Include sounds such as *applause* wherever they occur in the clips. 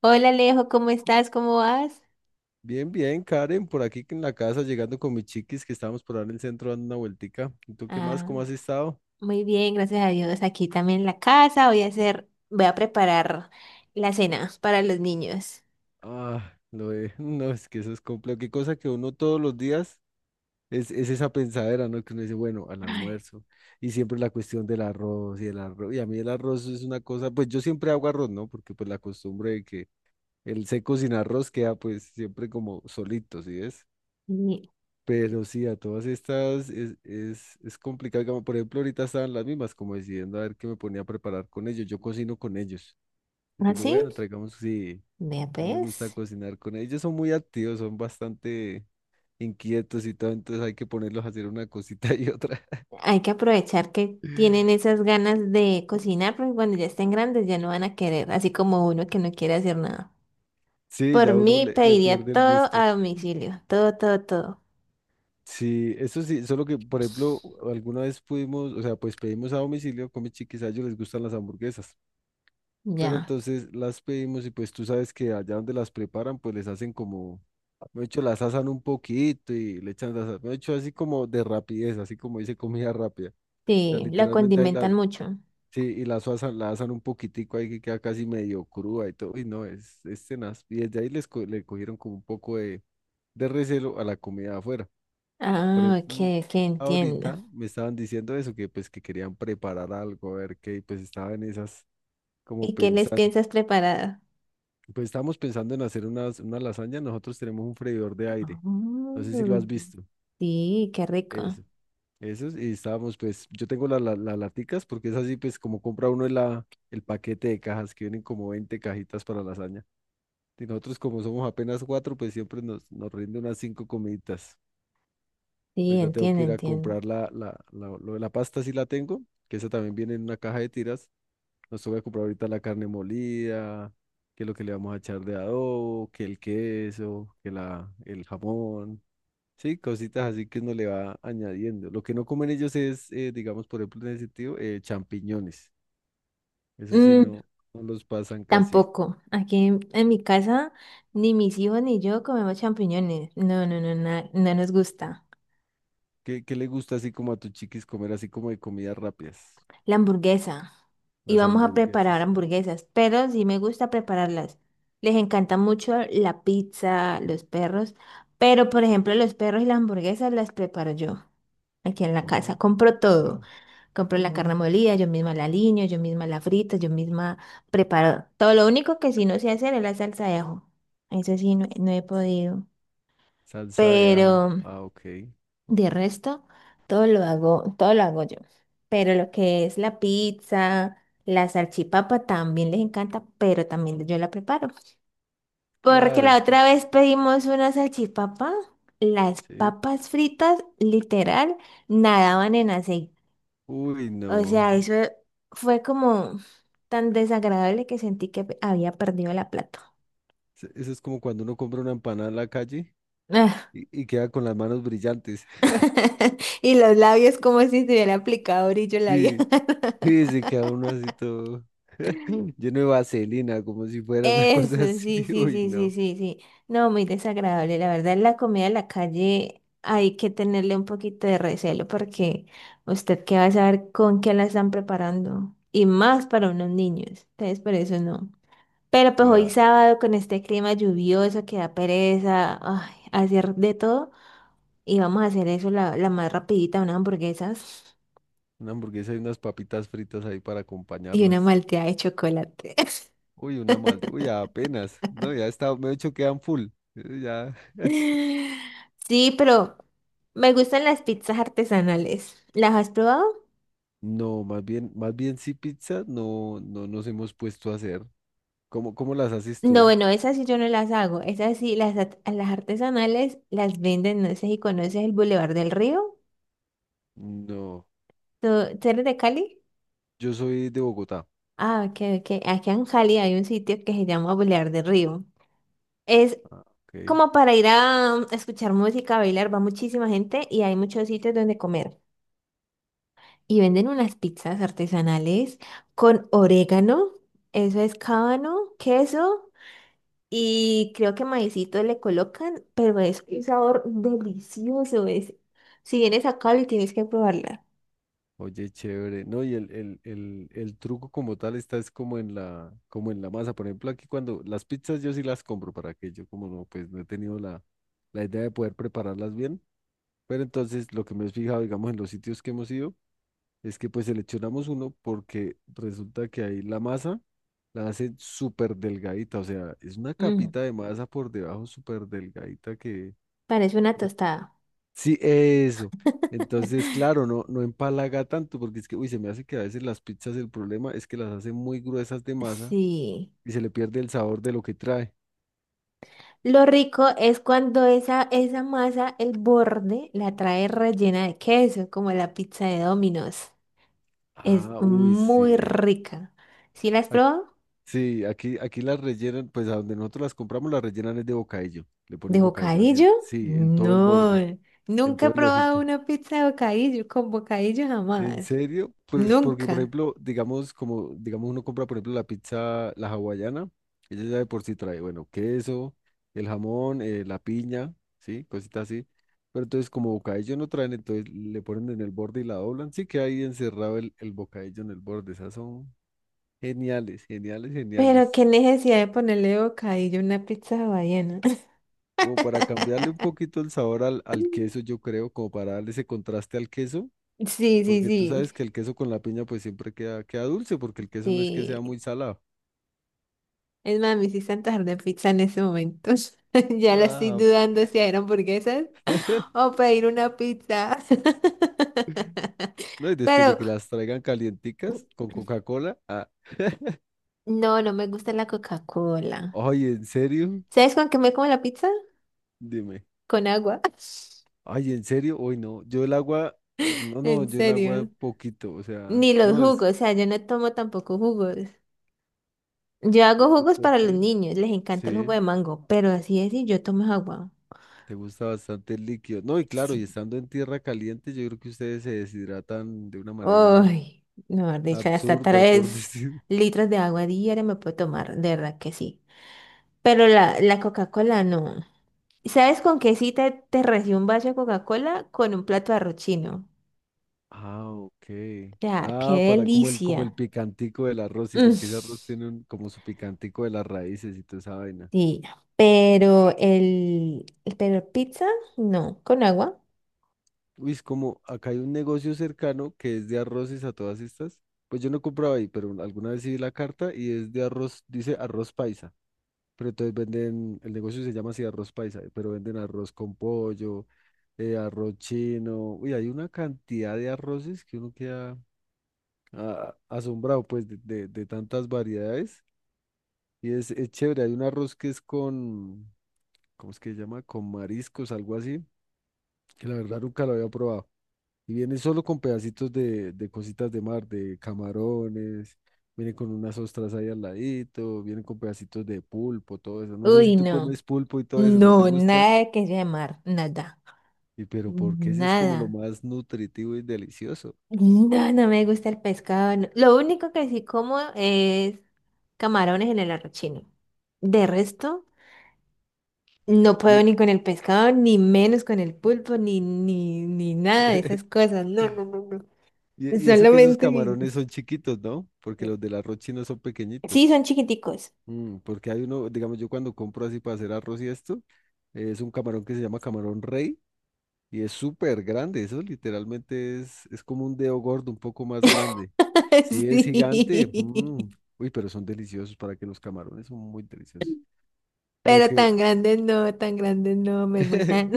Hola, Alejo, ¿cómo estás? ¿Cómo vas? Bien, bien, Karen, por aquí en la casa, llegando con mis chiquis que estábamos por ahí en el centro dando una vueltica. ¿Y tú qué más? Ah, ¿Cómo has estado? muy bien, gracias a Dios. Aquí también en la casa voy a preparar la cena para los niños. Ah, *laughs* no, es que eso es complejo. Qué cosa que uno todos los días es esa pensadera, ¿no? Que uno dice, bueno, al Ay, almuerzo. Y siempre la cuestión del arroz y el arroz. Y a mí el arroz es una cosa, pues yo siempre hago arroz, ¿no? Porque pues la costumbre de que el seco sin arroz queda pues siempre como solito, ¿sí ves? y- Pero sí, a todas estas es complicado. Como, por ejemplo, ahorita estaban las mismas, como decidiendo a ver qué me ponía a preparar con ellos. Yo cocino con ellos. Yo ¿ah, digo, sí? bueno, traigamos, sí, Vea a mí me gusta pues, cocinar con ellos. Ellos son muy activos, son bastante inquietos y todo, entonces hay que ponerlos a hacer una cosita y otra. hay que aprovechar que tienen *laughs* esas ganas de cocinar, porque cuando ya estén grandes ya no van a querer, así como uno que no quiere hacer nada. Sí, Por ya uno mí le pediría pierde el todo gusto. a domicilio, todo, todo, todo. Sí, eso sí, solo que, por ejemplo, alguna vez pudimos, o sea, pues pedimos a domicilio, con mis chiquis, a ellos les gustan las hamburguesas. Pero Ya, entonces las pedimos y pues tú sabes que allá donde las preparan, pues les hacen como, de hecho, las asan un poquito y le echan las, de hecho, así como de rapidez, así como dice comida rápida. O sea, sí, la literalmente ahí las, condimentan mucho. sí, y las asan, la asan un poquitico ahí que queda casi medio cruda y todo, y no, es tenaz. Y desde ahí le cogieron como un poco de recelo a la comida de afuera. Por Ah, ok, ejemplo, que entiendo. ahorita me estaban diciendo eso, que pues que querían preparar algo, a ver qué, y pues estaba en esas como ¿Y qué les pensando. piensas preparar? Pues estamos pensando en hacer unas, una lasaña. Nosotros tenemos un freidor de aire. No sé si lo Mm, has visto. sí, qué rico. Eso. Eso. Y estábamos, pues, yo tengo las laticas porque es así, pues, como compra uno la, el paquete de cajas que vienen como 20 cajitas para lasaña. Y nosotros, como somos apenas cuatro, pues siempre nos, nos rinde unas cinco comiditas. Sí, Ahorita tengo entiendo, que ir a entiendo. comprar lo de la pasta, sí la tengo, que esa también viene en una caja de tiras. Nos toca comprar ahorita la carne molida, que lo que le vamos a echar de adobo, que el queso, que el jamón. Sí, cositas así que uno le va añadiendo. Lo que no comen ellos es, digamos, por ejemplo, en ese sentido, champiñones. Eso sí, Mm, no, no los pasan casi. tampoco. Aquí en mi casa, ni mis hijos ni yo comemos champiñones. No, no, no, no nos gusta. ¿Qué le gusta así como a tus chiquis comer así como de comidas rápidas? La hamburguesa. Y Las vamos a preparar hamburguesas. hamburguesas, pero sí me gusta prepararlas. Les encanta mucho la pizza, los perros, pero por ejemplo, los perros y las hamburguesas las preparo yo aquí en la casa. Oh, Compro todo. wow. Compro la, mm, carne molida, yo misma la aliño, yo misma la frito, yo misma preparo todo. Lo único que sí no sé hacer es la salsa de ajo. Eso sí, no, no he podido. Salsa de ajo. Pero Ah, ok. de resto, todo lo hago yo. Pero lo que es la pizza, la salchipapa también les encanta, pero también yo la preparo. Porque Claro, la es que otra vez pedimos una salchipapa, las sí. papas fritas, literal, nadaban en aceite. Uy, O no. sea, eso fue como tan desagradable que sentí que había perdido la plata. Eso es como cuando uno compra una empanada en la calle Ah, y queda con las manos brillantes. *laughs* *laughs* y los labios como si se hubiera aplicado brillo labial. Sí, *laughs* sí, se queda uno así todo *laughs* lleno de vaselina, como si fuera una Eso, cosa así. sí, *laughs* sí, Uy, sí, sí, no. sí, sí. No, muy desagradable. La verdad, la comida de la calle hay que tenerle un poquito de recelo porque usted qué va a saber con qué la están preparando. Y más para unos niños. Entonces, por eso no. Pero pues hoy Claro, sábado con este clima lluvioso que da pereza, ay, hacer de todo. Y vamos a hacer eso, la más rapidita, unas hamburguesas una hamburguesa y unas papitas fritas ahí para y una acompañarlas. malteada de chocolate. Uy, una malta. Uy, apenas. No, ya está, me he hecho quedan full. Ya. *laughs* Sí, pero me gustan las pizzas artesanales. ¿Las has probado? No, más bien sí pizza, no, no nos hemos puesto a hacer. ¿Cómo, cómo las haces No, tú? bueno, esas sí yo no las hago. Esas sí, las, las artesanales las venden, no sé si conoces el Boulevard del Río. No, ¿Tú, tú eres de Cali? yo soy de Bogotá. Ah, ok, ok. Aquí en Cali hay un sitio que se llama Boulevard del Río. Es Ah, ok. como para ir a escuchar música, bailar, va muchísima gente y hay muchos sitios donde comer. Y venden unas pizzas artesanales con orégano, eso es cábano, queso y creo que maicito le colocan, pero es un sabor delicioso es. Si vienes a Cali tienes que probarla. Oye, chévere. No, y el truco como tal está es como en la masa. Por ejemplo, aquí cuando las pizzas yo sí las compro para que yo como no, pues no he tenido la idea de poder prepararlas bien. Pero entonces lo que me he fijado, digamos, en los sitios que hemos ido, es que pues seleccionamos uno porque resulta que ahí la masa la hacen súper delgadita. O sea, es una Mm, capita de masa por debajo súper delgadita que... parece una tostada. Sí, eso. Entonces, *laughs* claro, no, no empalaga tanto, porque es que, uy, se me hace que a veces las pizzas el problema es que las hacen muy gruesas de masa Sí. y se le pierde el sabor de lo que trae. Lo rico es cuando esa masa, el borde, la trae rellena de queso, como la pizza de Domino's. Es Ah, uy, muy sí. rica. ¿Sí la has Ac- probado? sí, aquí, aquí las rellenan, pues a donde nosotros las compramos las rellenan es de bocadillo. Le ¿De ponen bocadillo así, bocadillo? sí, en todo el No, borde, en nunca he todo el probado ojito. una pizza de bocadillo, con bocadillo ¿En jamás, serio? Pues porque, por nunca. ejemplo, digamos, como, digamos, uno compra, por ejemplo, la pizza, la hawaiana, ella ya de por sí trae, bueno, queso, el jamón, la piña, ¿sí? Cositas así. Pero entonces, como bocadillo no traen, entonces le ponen en el borde y la doblan, sí que ahí encerrado el bocadillo en el borde. Esas son geniales, geniales, Pero geniales. qué necesidad de ponerle bocadillo a una pizza hawaiana. *laughs* Como para cambiarle un poquito el sabor al, al queso, yo creo, como para darle ese contraste al queso, Sí, sí, porque tú sí, sabes que el queso con la piña pues siempre queda dulce, porque el queso no es que sea sí. muy salado. Es más, me hiciste antojar de pizza en ese momento. *laughs* Ya la estoy Ah, dudando si eran hamburguesas *laughs* *laughs* o pedir una pizza. *laughs* no, y después de Pero que las traigan calienticas con Coca-Cola. Ah. *laughs* no, no me gusta la Coca-Cola. Ay, ¿en serio? ¿Sabes con qué me como la pizza? Dime. Con agua. Ay, ¿en serio? Hoy no. Yo el agua, *laughs* no, no, En yo el agua serio. poquito, o sea, Ni los no jugos, es. o sea, yo no tomo tampoco jugos. Yo ¿Y hago eso jugos por para los qué? niños, les encanta el jugo Sí, de mango, pero así es y yo tomo agua. te gusta bastante el líquido. No, y claro, y Sí. estando en tierra caliente, yo creo que ustedes se deshidratan de una manera Uy, no, de hecho, hasta absurda, por *laughs* tres decir. litros de agua diaria me puedo tomar, de verdad que sí. Pero la Coca-Cola no. ¿Sabes con qué sí te recibo un vaso de Coca-Cola? Con un plato de arroz chino. Ah, ok. O sea, qué Ah, para como el delicia. picantico del arroz, sí, Mm, porque ese arroz tiene un, como su picantico de las raíces y toda esa vaina. sí, pero pero pizza, no, con agua. Uy, es como, acá hay un negocio cercano que es de arroces a todas estas. Pues yo no compraba ahí, pero alguna vez sí vi la carta y es de arroz, dice arroz paisa. Pero entonces venden, el negocio se llama así arroz paisa, pero venden arroz con pollo, arroz chino. Uy, hay una cantidad de arroces que uno queda ah, asombrado, pues, de de tantas variedades. Y es chévere, hay un arroz que es con, ¿cómo es que se llama? Con mariscos, algo así, que la verdad nunca lo había probado. Y viene solo con pedacitos de cositas de mar, de camarones, viene con unas ostras ahí al ladito, viene con pedacitos de pulpo, todo eso. No sé si Uy, tú no. comes pulpo y todo eso, ¿no te No, gusta? nada de que sea de mar, nada, Y pero ¿por qué si es como lo nada. más nutritivo y delicioso? No, no me gusta el pescado, no. Lo único que sí como es camarones en el arrochino. De resto, no puedo Y, ni con el pescado, ni menos con el pulpo, ni, ni, ni nada de esas *laughs* cosas. No, no, no, no. y eso que esos Solamente... camarones son chiquitos, ¿no? Porque los del arroz chino son Sí, son pequeñitos. chiquiticos. Mm, porque hay uno, digamos, yo cuando compro así para hacer arroz y esto, es un camarón que se llama camarón rey y es súper grande. Eso literalmente es como un dedo gordo, un poco más grande. *laughs* Sí, es gigante. Sí. Mm. Uy, pero son deliciosos para que los camarones son muy deliciosos. Lo Pero que, tan grandes no, me *laughs* gustan.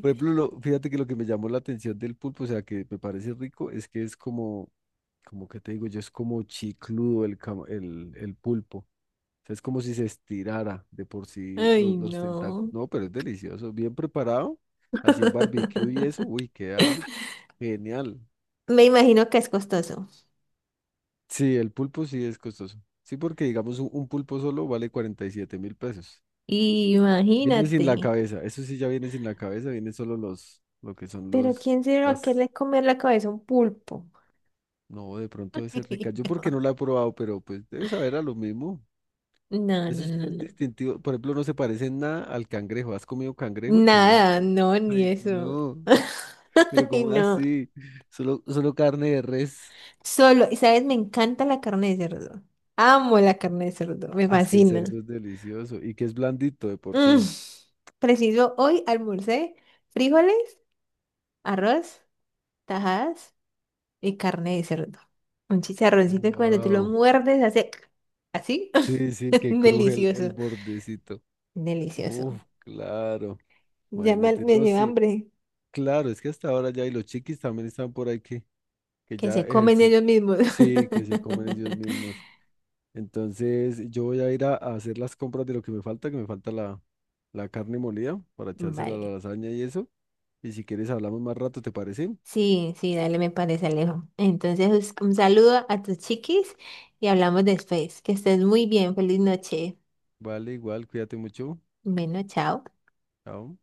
por ejemplo, fíjate que lo que me llamó la atención del pulpo, o sea, que me parece rico, es que es como, como que te digo yo, es como chicludo el pulpo. O sea, es como si se estirara de por *laughs* sí Ay, los no. tentáculos. No, pero es delicioso. Bien preparado, así en barbecue y eso, *laughs* uy, queda genial. Me imagino que es costoso. Sí, el pulpo sí es costoso. Sí, porque digamos un, pulpo solo vale $47,000. Viene Imagínate. sin la cabeza, eso sí ya viene sin la cabeza, viene solo lo que son Pero los, ¿quién se va a las, querer comer la cabeza a un pulpo? no, de pronto debe ser rica. Yo porque *laughs* no la he probado, pero pues debe saber a lo mismo. No, Eso no, sí no, es no. distintivo, por ejemplo, no se parece en nada al cangrejo. ¿Has comido cangrejo? El cangrejo. Es Nada, no, ni Ay, eso. no. *laughs* Pero Ay, como no. así, solo, solo carne de res. Solo, y sabes, me encanta la carne de cerdo. Amo la carne de cerdo, me Ah, es que el fascina. cerdo es delicioso y que es blandito de por Mm. sí. Preciso, hoy almorcé frijoles, arroz, tajadas y carne de cerdo. Un chicharroncito cuando tú lo Wow. muerdes hace así. Sí, sí, *laughs* que cruje el Delicioso, bordecito. Uf, delicioso. claro. Ya me, Imagínate, me no, dio sí, hambre. claro, es que hasta ahora ya y los chiquis también están por ahí que, Que ya se comen ejercitan. ellos mismos. Sí, que se comen ellos *laughs* mismos. Entonces, yo voy a ir a hacer las compras de lo que me falta la carne molida para echársela a la Vale. lasaña y eso. Y si quieres hablamos más rato, ¿te parece? Sí, sí, dale, me parece, Alejo. Entonces, un saludo a tus chiquis y hablamos después. Que estés muy bien. Feliz noche. Vale, igual, cuídate mucho. Bueno, chao. Chao.